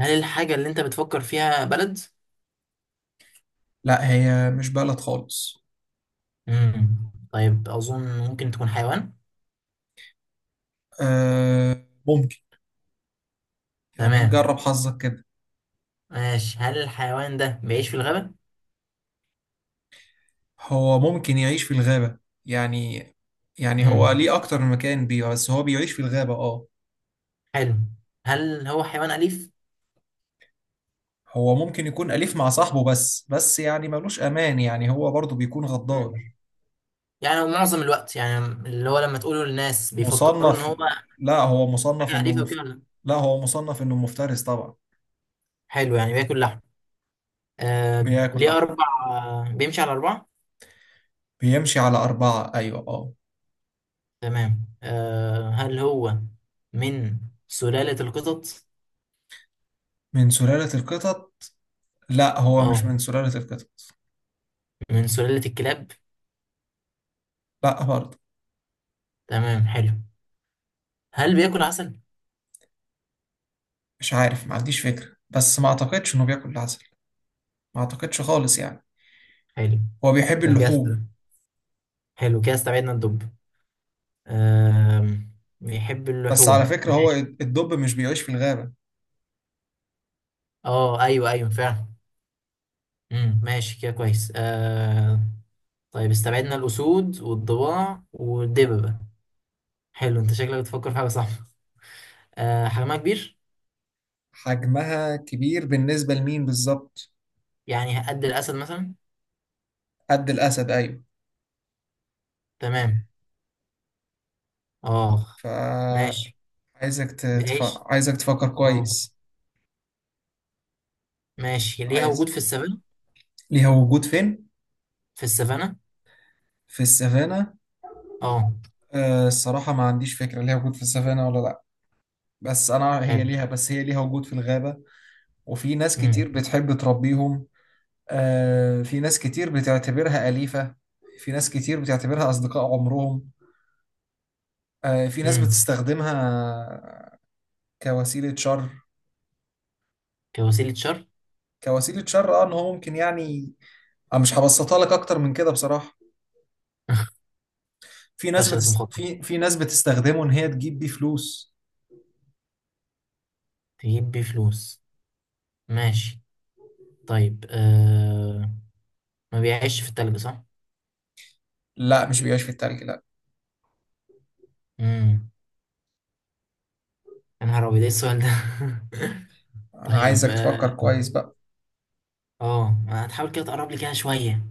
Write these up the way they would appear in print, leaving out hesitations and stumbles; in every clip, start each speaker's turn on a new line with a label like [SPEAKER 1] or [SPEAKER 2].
[SPEAKER 1] هل الحاجة اللي أنت بتفكر فيها بلد؟
[SPEAKER 2] لا، هي مش بلد خالص.
[SPEAKER 1] مم. طيب، أظن ممكن تكون حيوان.
[SPEAKER 2] آه ممكن. يعني
[SPEAKER 1] تمام،
[SPEAKER 2] نجرب حظك كده.
[SPEAKER 1] ماشي. هل الحيوان ده بيعيش في الغابة؟
[SPEAKER 2] هو ممكن يعيش في الغابة. يعني يعني هو
[SPEAKER 1] مم.
[SPEAKER 2] ليه أكتر من مكان بيه، بس هو بيعيش في الغابة اه.
[SPEAKER 1] حلو. هل هو حيوان أليف؟
[SPEAKER 2] هو ممكن يكون أليف مع صاحبه، بس يعني ملوش أمان، يعني هو برضه بيكون غدار.
[SPEAKER 1] مم. يعني معظم الوقت، يعني اللي هو لما تقوله للناس بيفكروا إن
[SPEAKER 2] مصنف.
[SPEAKER 1] هو
[SPEAKER 2] لا هو مصنف
[SPEAKER 1] حاجة
[SPEAKER 2] إنه
[SPEAKER 1] أليفة وكده ولا لأ؟
[SPEAKER 2] لا هو مصنف إنه مفترس طبعا.
[SPEAKER 1] حلو، يعني بياكل لحم. آه.
[SPEAKER 2] بياكل
[SPEAKER 1] ليه
[SPEAKER 2] لحم.
[SPEAKER 1] أربع آه، بيمشي على أربعة؟
[SPEAKER 2] بيمشي على أربعة أيوة اه.
[SPEAKER 1] تمام. هل هو من سلالة القطط؟
[SPEAKER 2] من سلالة القطط. لا هو مش
[SPEAKER 1] أه.
[SPEAKER 2] من سلالة القطط.
[SPEAKER 1] من سلالة الكلاب؟
[SPEAKER 2] لا برضه.
[SPEAKER 1] تمام، حلو. هل بياكل عسل؟
[SPEAKER 2] مش عارف، ما عنديش فكرة، بس ما اعتقدش انه بياكل عسل. ما اعتقدش خالص يعني.
[SPEAKER 1] حلو.
[SPEAKER 2] هو بيحب
[SPEAKER 1] يبقى كده
[SPEAKER 2] اللحوم.
[SPEAKER 1] حلو. كده استبعدنا الدب. آم... بيحب
[SPEAKER 2] بس على
[SPEAKER 1] اللحوم،
[SPEAKER 2] فكرة هو
[SPEAKER 1] ماشي.
[SPEAKER 2] الدب مش بيعيش في الغابة.
[SPEAKER 1] اه، ايوه، ايوه، فعلا. ماشي، كده كويس. طيب، استبعدنا الاسود والضباع والدببة. حلو، انت شكلك بتفكر في حاجه، صح. حجمها كبير.
[SPEAKER 2] حجمها كبير بالنسبة لمين بالظبط؟
[SPEAKER 1] يعني قد الاسد مثلا.
[SPEAKER 2] قد الأسد أيوه. يعني.
[SPEAKER 1] تمام. اه، ماشي.
[SPEAKER 2] فعايزك
[SPEAKER 1] بتعيش.
[SPEAKER 2] عايزك تفكر
[SPEAKER 1] اه،
[SPEAKER 2] كويس.
[SPEAKER 1] ماشي. ليها
[SPEAKER 2] عايز.
[SPEAKER 1] وجود
[SPEAKER 2] ليها وجود فين؟
[SPEAKER 1] في السفنه.
[SPEAKER 2] في السافانا؟
[SPEAKER 1] اه.
[SPEAKER 2] أه الصراحة ما عنديش فكرة ليها وجود في السافانا ولا لأ. بس أنا هي
[SPEAKER 1] حلو.
[SPEAKER 2] ليها، بس هي ليها وجود في الغابة. وفي ناس كتير
[SPEAKER 1] امم.
[SPEAKER 2] بتحب تربيهم. آه، في ناس كتير بتعتبرها أليفة. في ناس كتير بتعتبرها أصدقاء عمرهم. آه، في ناس
[SPEAKER 1] امم.
[SPEAKER 2] بتستخدمها كوسيلة شر.
[SPEAKER 1] كوسيله شر.
[SPEAKER 2] كوسيلة شر اه، ان هو ممكن يعني. أنا مش هبسطها لك اكتر من كده بصراحة.
[SPEAKER 1] فشلت مخطط.
[SPEAKER 2] في ناس بتستخدمه ان هي تجيب بيه فلوس.
[SPEAKER 1] تجيب بيه فلوس. ماشي. طيب، ما بيعيش في التلج، صح؟
[SPEAKER 2] لا مش بيعيش في التلج لا.
[SPEAKER 1] امم. يا نهار ابيض، ايه السؤال ده.
[SPEAKER 2] انا
[SPEAKER 1] طيب،
[SPEAKER 2] عايزك
[SPEAKER 1] اه.
[SPEAKER 2] تفكر كويس بقى.
[SPEAKER 1] ما هتحاول كده تقرب لي كده شوية.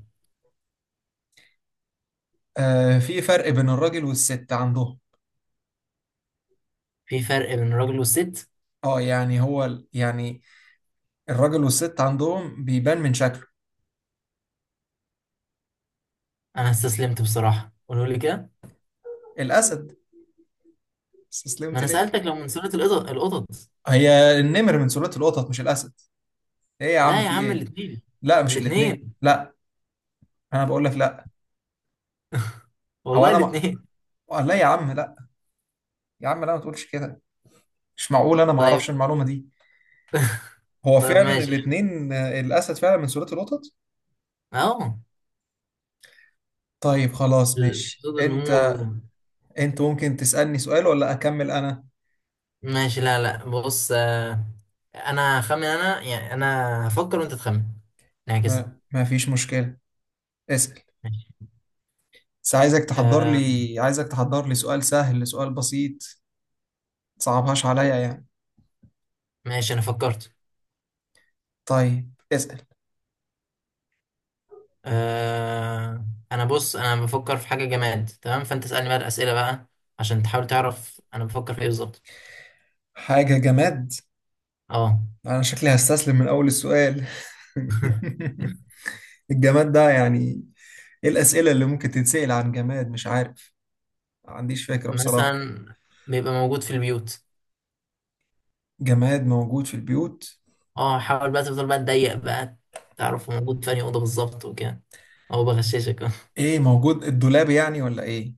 [SPEAKER 2] آه، في فرق بين الراجل والست عندهم.
[SPEAKER 1] في فرق بين الراجل والست.
[SPEAKER 2] اه يعني هو يعني الراجل والست عندهم بيبان من شكله.
[SPEAKER 1] انا استسلمت بصراحة، قولوا لي كده.
[SPEAKER 2] الأسد.
[SPEAKER 1] ما
[SPEAKER 2] استسلمت
[SPEAKER 1] انا
[SPEAKER 2] ليه؟
[SPEAKER 1] سألتك لو من سلالة القطط، القطط.
[SPEAKER 2] هي النمر من سلالة القطط مش الأسد. إيه يا عم
[SPEAKER 1] لا يا
[SPEAKER 2] في
[SPEAKER 1] عم،
[SPEAKER 2] إيه؟
[SPEAKER 1] الاتنين.
[SPEAKER 2] لا مش الاتنين
[SPEAKER 1] الاتنين.
[SPEAKER 2] لا. أنا بقول لك لا. هو
[SPEAKER 1] والله
[SPEAKER 2] أنا ما...
[SPEAKER 1] الاتنين.
[SPEAKER 2] لا يا عم لا. يا عم لا، ما تقولش كده. مش معقول أنا ما
[SPEAKER 1] طيب.
[SPEAKER 2] أعرفش المعلومة دي. هو
[SPEAKER 1] طيب،
[SPEAKER 2] فعلا
[SPEAKER 1] ماشي.
[SPEAKER 2] الاتنين. آه، الأسد فعلا من سلالة القطط.
[SPEAKER 1] اهو،
[SPEAKER 2] طيب خلاص ماشي.
[SPEAKER 1] صوت النمور.
[SPEAKER 2] أنت. أنت ممكن تسألني سؤال ولا أكمل أنا؟
[SPEAKER 1] ماشي، لا، لا، بص. انا هخمن انا يعني انا هفكر وانت تخمن، نعكسها.
[SPEAKER 2] ما فيش مشكلة. اسأل.
[SPEAKER 1] ماشي.
[SPEAKER 2] بس عايزك تحضر
[SPEAKER 1] آه.
[SPEAKER 2] لي، عايزك تحضر لي سؤال سهل، سؤال بسيط. متصعبهاش عليا يعني.
[SPEAKER 1] ماشي، انا فكرت.
[SPEAKER 2] طيب اسأل.
[SPEAKER 1] آه. انا بص، انا بفكر في حاجة جماد، تمام، فانت اسألني بقى الأسئلة بقى، عشان تحاول تعرف انا بفكر في ايه بالظبط.
[SPEAKER 2] حاجة جماد؟
[SPEAKER 1] اه.
[SPEAKER 2] انا شكلي هستسلم من اول السؤال. الجماد ده يعني. ايه الاسئله اللي ممكن تتسال عن جماد؟ مش عارف. ما عنديش فكره بصراحه.
[SPEAKER 1] مثلا بيبقى موجود في البيوت.
[SPEAKER 2] جماد موجود في البيوت.
[SPEAKER 1] اه، حاول بقى، تفضل بقى تضيق بقى، تعرف هو موجود في انهي اوضه بالظبط وكده. هو بغششك.
[SPEAKER 2] ايه موجود؟ الدولاب يعني ولا ايه؟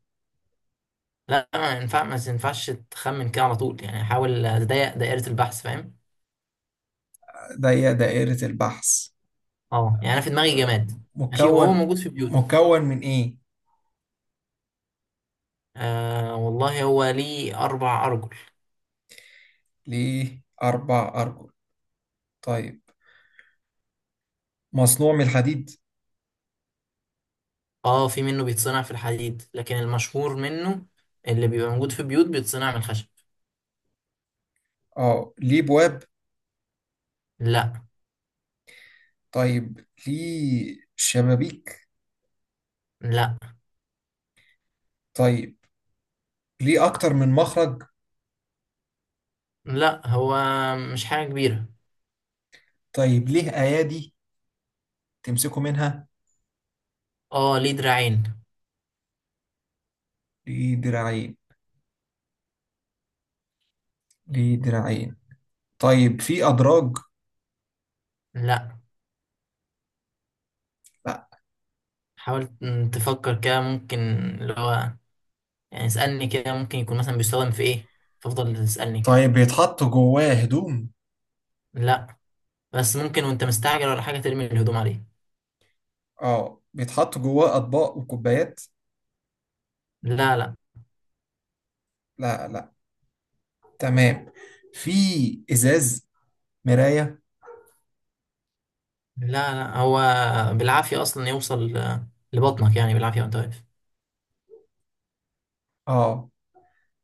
[SPEAKER 1] لا، ما ينفعش تخمن كده على طول، يعني حاول تضيق دائرة البحث، فاهم.
[SPEAKER 2] ده هي دائره البحث.
[SPEAKER 1] اه، يعني انا في دماغي
[SPEAKER 2] آه،
[SPEAKER 1] جماد. ماشي، وهو
[SPEAKER 2] مكون.
[SPEAKER 1] موجود في بيوت.
[SPEAKER 2] مكون من ايه؟
[SPEAKER 1] آه، والله هو ليه اربع ارجل.
[SPEAKER 2] ليه اربع ارجل؟ طيب، مصنوع من الحديد؟
[SPEAKER 1] اه، في منه بيتصنع في الحديد، لكن المشهور منه اللي بيبقى موجود في بيوت بيتصنع من الخشب.
[SPEAKER 2] اه ليه بواب؟
[SPEAKER 1] لا.
[SPEAKER 2] طيب ليه شبابيك؟
[SPEAKER 1] لا.
[SPEAKER 2] طيب ليه اكتر من مخرج؟
[SPEAKER 1] لا، هو مش حاجة كبيرة.
[SPEAKER 2] طيب ليه ايادي تمسكوا منها؟
[SPEAKER 1] اه، ليه دراعين.
[SPEAKER 2] ليه دراعين؟ ليه دراعين؟ طيب في أدراج؟
[SPEAKER 1] لا.
[SPEAKER 2] لا.
[SPEAKER 1] حاول تفكر كده، ممكن اللي هو يعني اسألني كده، ممكن يكون مثلا بيستخدم في ايه، فافضل تسألني كده.
[SPEAKER 2] طيب بيتحط جواه هدوم؟
[SPEAKER 1] لا، بس ممكن وانت مستعجل ولا حاجة ترمي الهدوم عليه.
[SPEAKER 2] اه بيتحط جواه أطباق وكوبايات؟
[SPEAKER 1] لا، لا.
[SPEAKER 2] لا لا. تمام. في إزاز؟ مراية؟
[SPEAKER 1] لا، لا. هو بالعافية أصلا يوصل لبطنك، يعني بالعافية وانت واقف.
[SPEAKER 2] اه،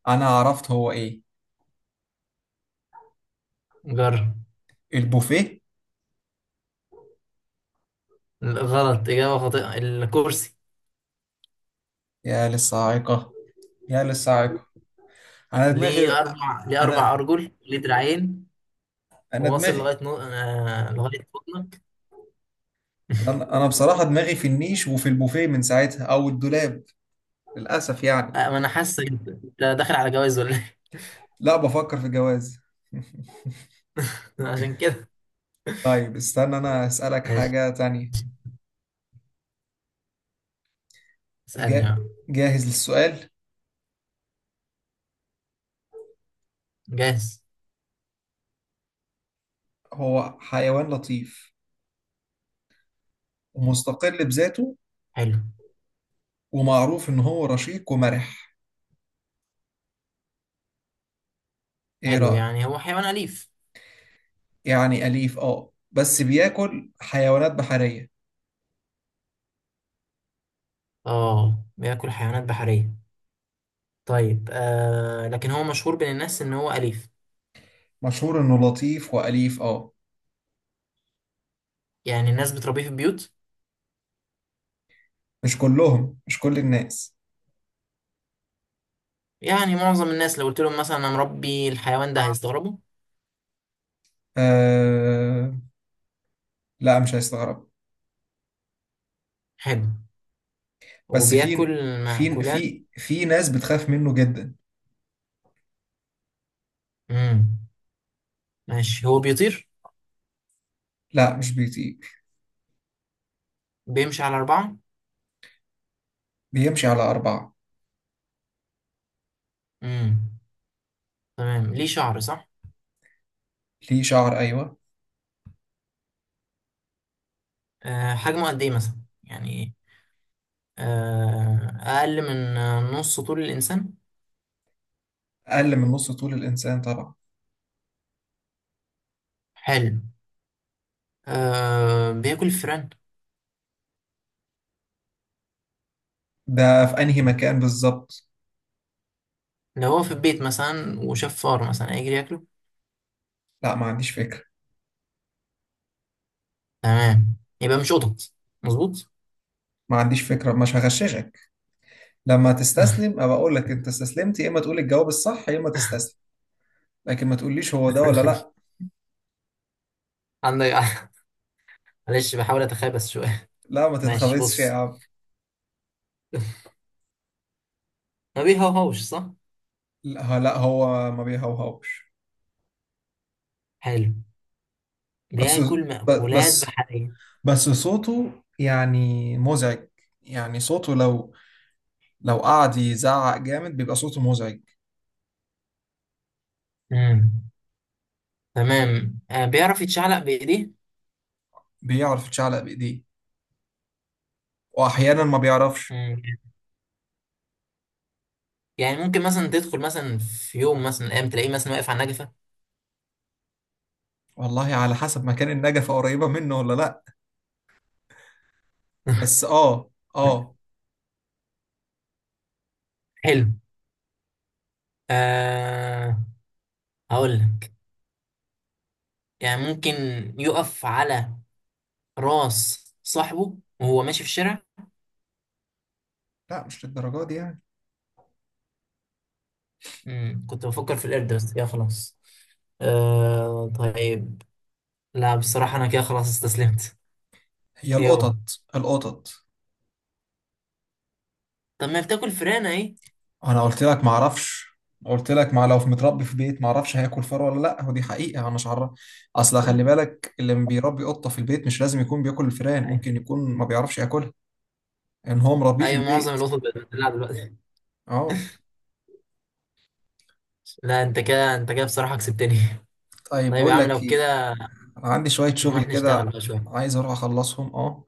[SPEAKER 2] أنا عرفت هو إيه.
[SPEAKER 1] جرب.
[SPEAKER 2] البوفيه.
[SPEAKER 1] غلط، إجابة خاطئة، الكرسي.
[SPEAKER 2] يا للصاعقة. يا للصاعقة. أنا دماغي.
[SPEAKER 1] ليه أربع
[SPEAKER 2] أنا
[SPEAKER 1] أرجل، ليه دراعين،
[SPEAKER 2] أنا
[SPEAKER 1] وواصل
[SPEAKER 2] دماغي.
[SPEAKER 1] لغاية بطنك.
[SPEAKER 2] أنا أنا بصراحة دماغي في النيش وفي البوفيه من ساعتها، أو الدولاب. للأسف يعني.
[SPEAKER 1] ما أنا حاسك، أنت داخل على جواز ولا إيه؟
[SPEAKER 2] لا بفكر في جواز.
[SPEAKER 1] عشان كده.
[SPEAKER 2] طيب استنى انا اسالك
[SPEAKER 1] ماشي،
[SPEAKER 2] حاجه تانية.
[SPEAKER 1] اسألني
[SPEAKER 2] جا...
[SPEAKER 1] بقى.
[SPEAKER 2] جاهز للسؤال.
[SPEAKER 1] جاهز.
[SPEAKER 2] هو حيوان لطيف ومستقل بذاته،
[SPEAKER 1] حلو.
[SPEAKER 2] ومعروف ان هو رشيق ومرح. ايه
[SPEAKER 1] حلو،
[SPEAKER 2] رايك؟
[SPEAKER 1] يعني هو حيوان أليف.
[SPEAKER 2] يعني اليف اه، بس بياكل حيوانات بحريه.
[SPEAKER 1] آه، بياكل حيوانات بحرية. طيب، لكن هو مشهور بين الناس ان هو اليف.
[SPEAKER 2] مشهور انه لطيف واليف اه.
[SPEAKER 1] يعني الناس بتربيه في البيوت.
[SPEAKER 2] مش كلهم، مش كل الناس.
[SPEAKER 1] يعني معظم الناس لو قلت لهم مثلا انا مربي الحيوان ده، اه، هيستغربوا.
[SPEAKER 2] آه... لا مش هيستغرب.
[SPEAKER 1] حلو.
[SPEAKER 2] بس في،
[SPEAKER 1] وبياكل مأكولات.
[SPEAKER 2] في ناس بتخاف منه جدا.
[SPEAKER 1] امم. ماشي، هو بيطير.
[SPEAKER 2] لا مش بيطير.
[SPEAKER 1] بيمشي على أربعة.
[SPEAKER 2] بيمشي على اربعه.
[SPEAKER 1] امم. تمام، ليه شعر، صح.
[SPEAKER 2] ليه شعر ايوه.
[SPEAKER 1] آه، حجمه قد ايه مثلا، يعني، اقل من نص طول الانسان.
[SPEAKER 2] اقل من نص طول الانسان طبعا.
[SPEAKER 1] حلو. آه، بياكل الفئران.
[SPEAKER 2] ده في انهي مكان بالظبط؟
[SPEAKER 1] لو هو في البيت مثلا وشاف فار مثلا هيجري ياكله.
[SPEAKER 2] لا ما عنديش فكرة.
[SPEAKER 1] تمام. يبقى مش قطط. مظبوط.
[SPEAKER 2] ما عنديش فكرة، مش هغششك. لما تستسلم ابقى اقول لك، انت استسلمت، يا اما تقول الجواب الصح يا اما تستسلم. لكن ما تقوليش هو ده ولا لا.
[SPEAKER 1] عندك. معلش، بحاول اتخابس شوية.
[SPEAKER 2] لا ما
[SPEAKER 1] ماشي،
[SPEAKER 2] تتخبطش يا
[SPEAKER 1] بص.
[SPEAKER 2] عم.
[SPEAKER 1] ما بيهوهوش، صح.
[SPEAKER 2] لا لا، هو ما بيهوهوش.
[SPEAKER 1] حلو.
[SPEAKER 2] بس
[SPEAKER 1] بياكل مأكولات
[SPEAKER 2] بس.
[SPEAKER 1] بحرية.
[SPEAKER 2] بس صوته يعني مزعج. يعني صوته لو، لو قعد يزعق جامد بيبقى صوته مزعج.
[SPEAKER 1] امم. تمام، بيعرف يتشعلق بإيديه.
[SPEAKER 2] بيعرف يتشعلق بايديه، واحيانا ما بيعرفش.
[SPEAKER 1] مم. يعني ممكن مثلا تدخل مثلا في يوم مثلا من الأيام تلاقيه مثلا واقف على النجفة.
[SPEAKER 2] والله على حسب مكان النجفة قريبة منه ولا لا. بس اه. اه.
[SPEAKER 1] حلو. آه هقول لك، يعني ممكن يقف على راس صاحبه وهو ماشي في الشارع.
[SPEAKER 2] لا مش للدرجة دي يعني.
[SPEAKER 1] مم. كنت بفكر في القرد، بس يا خلاص. آه، طيب. لا بصراحة، أنا كده خلاص استسلمت.
[SPEAKER 2] هي
[SPEAKER 1] يو.
[SPEAKER 2] القطط. القطط.
[SPEAKER 1] طب، ما بتاكل فراخ أهي.
[SPEAKER 2] انا قلت لك ما اعرفش. قلت لك، ما لو في متربي في بيت ما اعرفش هياكل فار ولا لا، ودي حقيقة انا مش عارف. اصل خلي بالك اللي بيربي قطة في البيت مش لازم يكون بياكل الفئران،
[SPEAKER 1] أيوة.
[SPEAKER 2] ممكن يكون ما بيعرفش ياكلها. ان هو مربيه في
[SPEAKER 1] أيوة، معظم
[SPEAKER 2] البيت.
[SPEAKER 1] القطط بقت بتدلع دلوقتي.
[SPEAKER 2] اه.
[SPEAKER 1] لا، أنت كده بصراحة كسبتني.
[SPEAKER 2] طيب
[SPEAKER 1] طيب يا
[SPEAKER 2] بقول
[SPEAKER 1] عم،
[SPEAKER 2] لك
[SPEAKER 1] لو
[SPEAKER 2] ايه،
[SPEAKER 1] كده
[SPEAKER 2] انا عندي شوية شغل
[SPEAKER 1] نروح
[SPEAKER 2] كده.
[SPEAKER 1] نشتغل بقى شوية.
[SPEAKER 2] عايز اروح اخلصهم اه.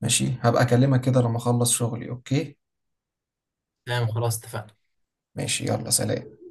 [SPEAKER 2] ماشي هبقى اكلمك كده لما اخلص شغلي اوكي.
[SPEAKER 1] تمام، خلاص، اتفقنا.
[SPEAKER 2] ماشي يلا سلام.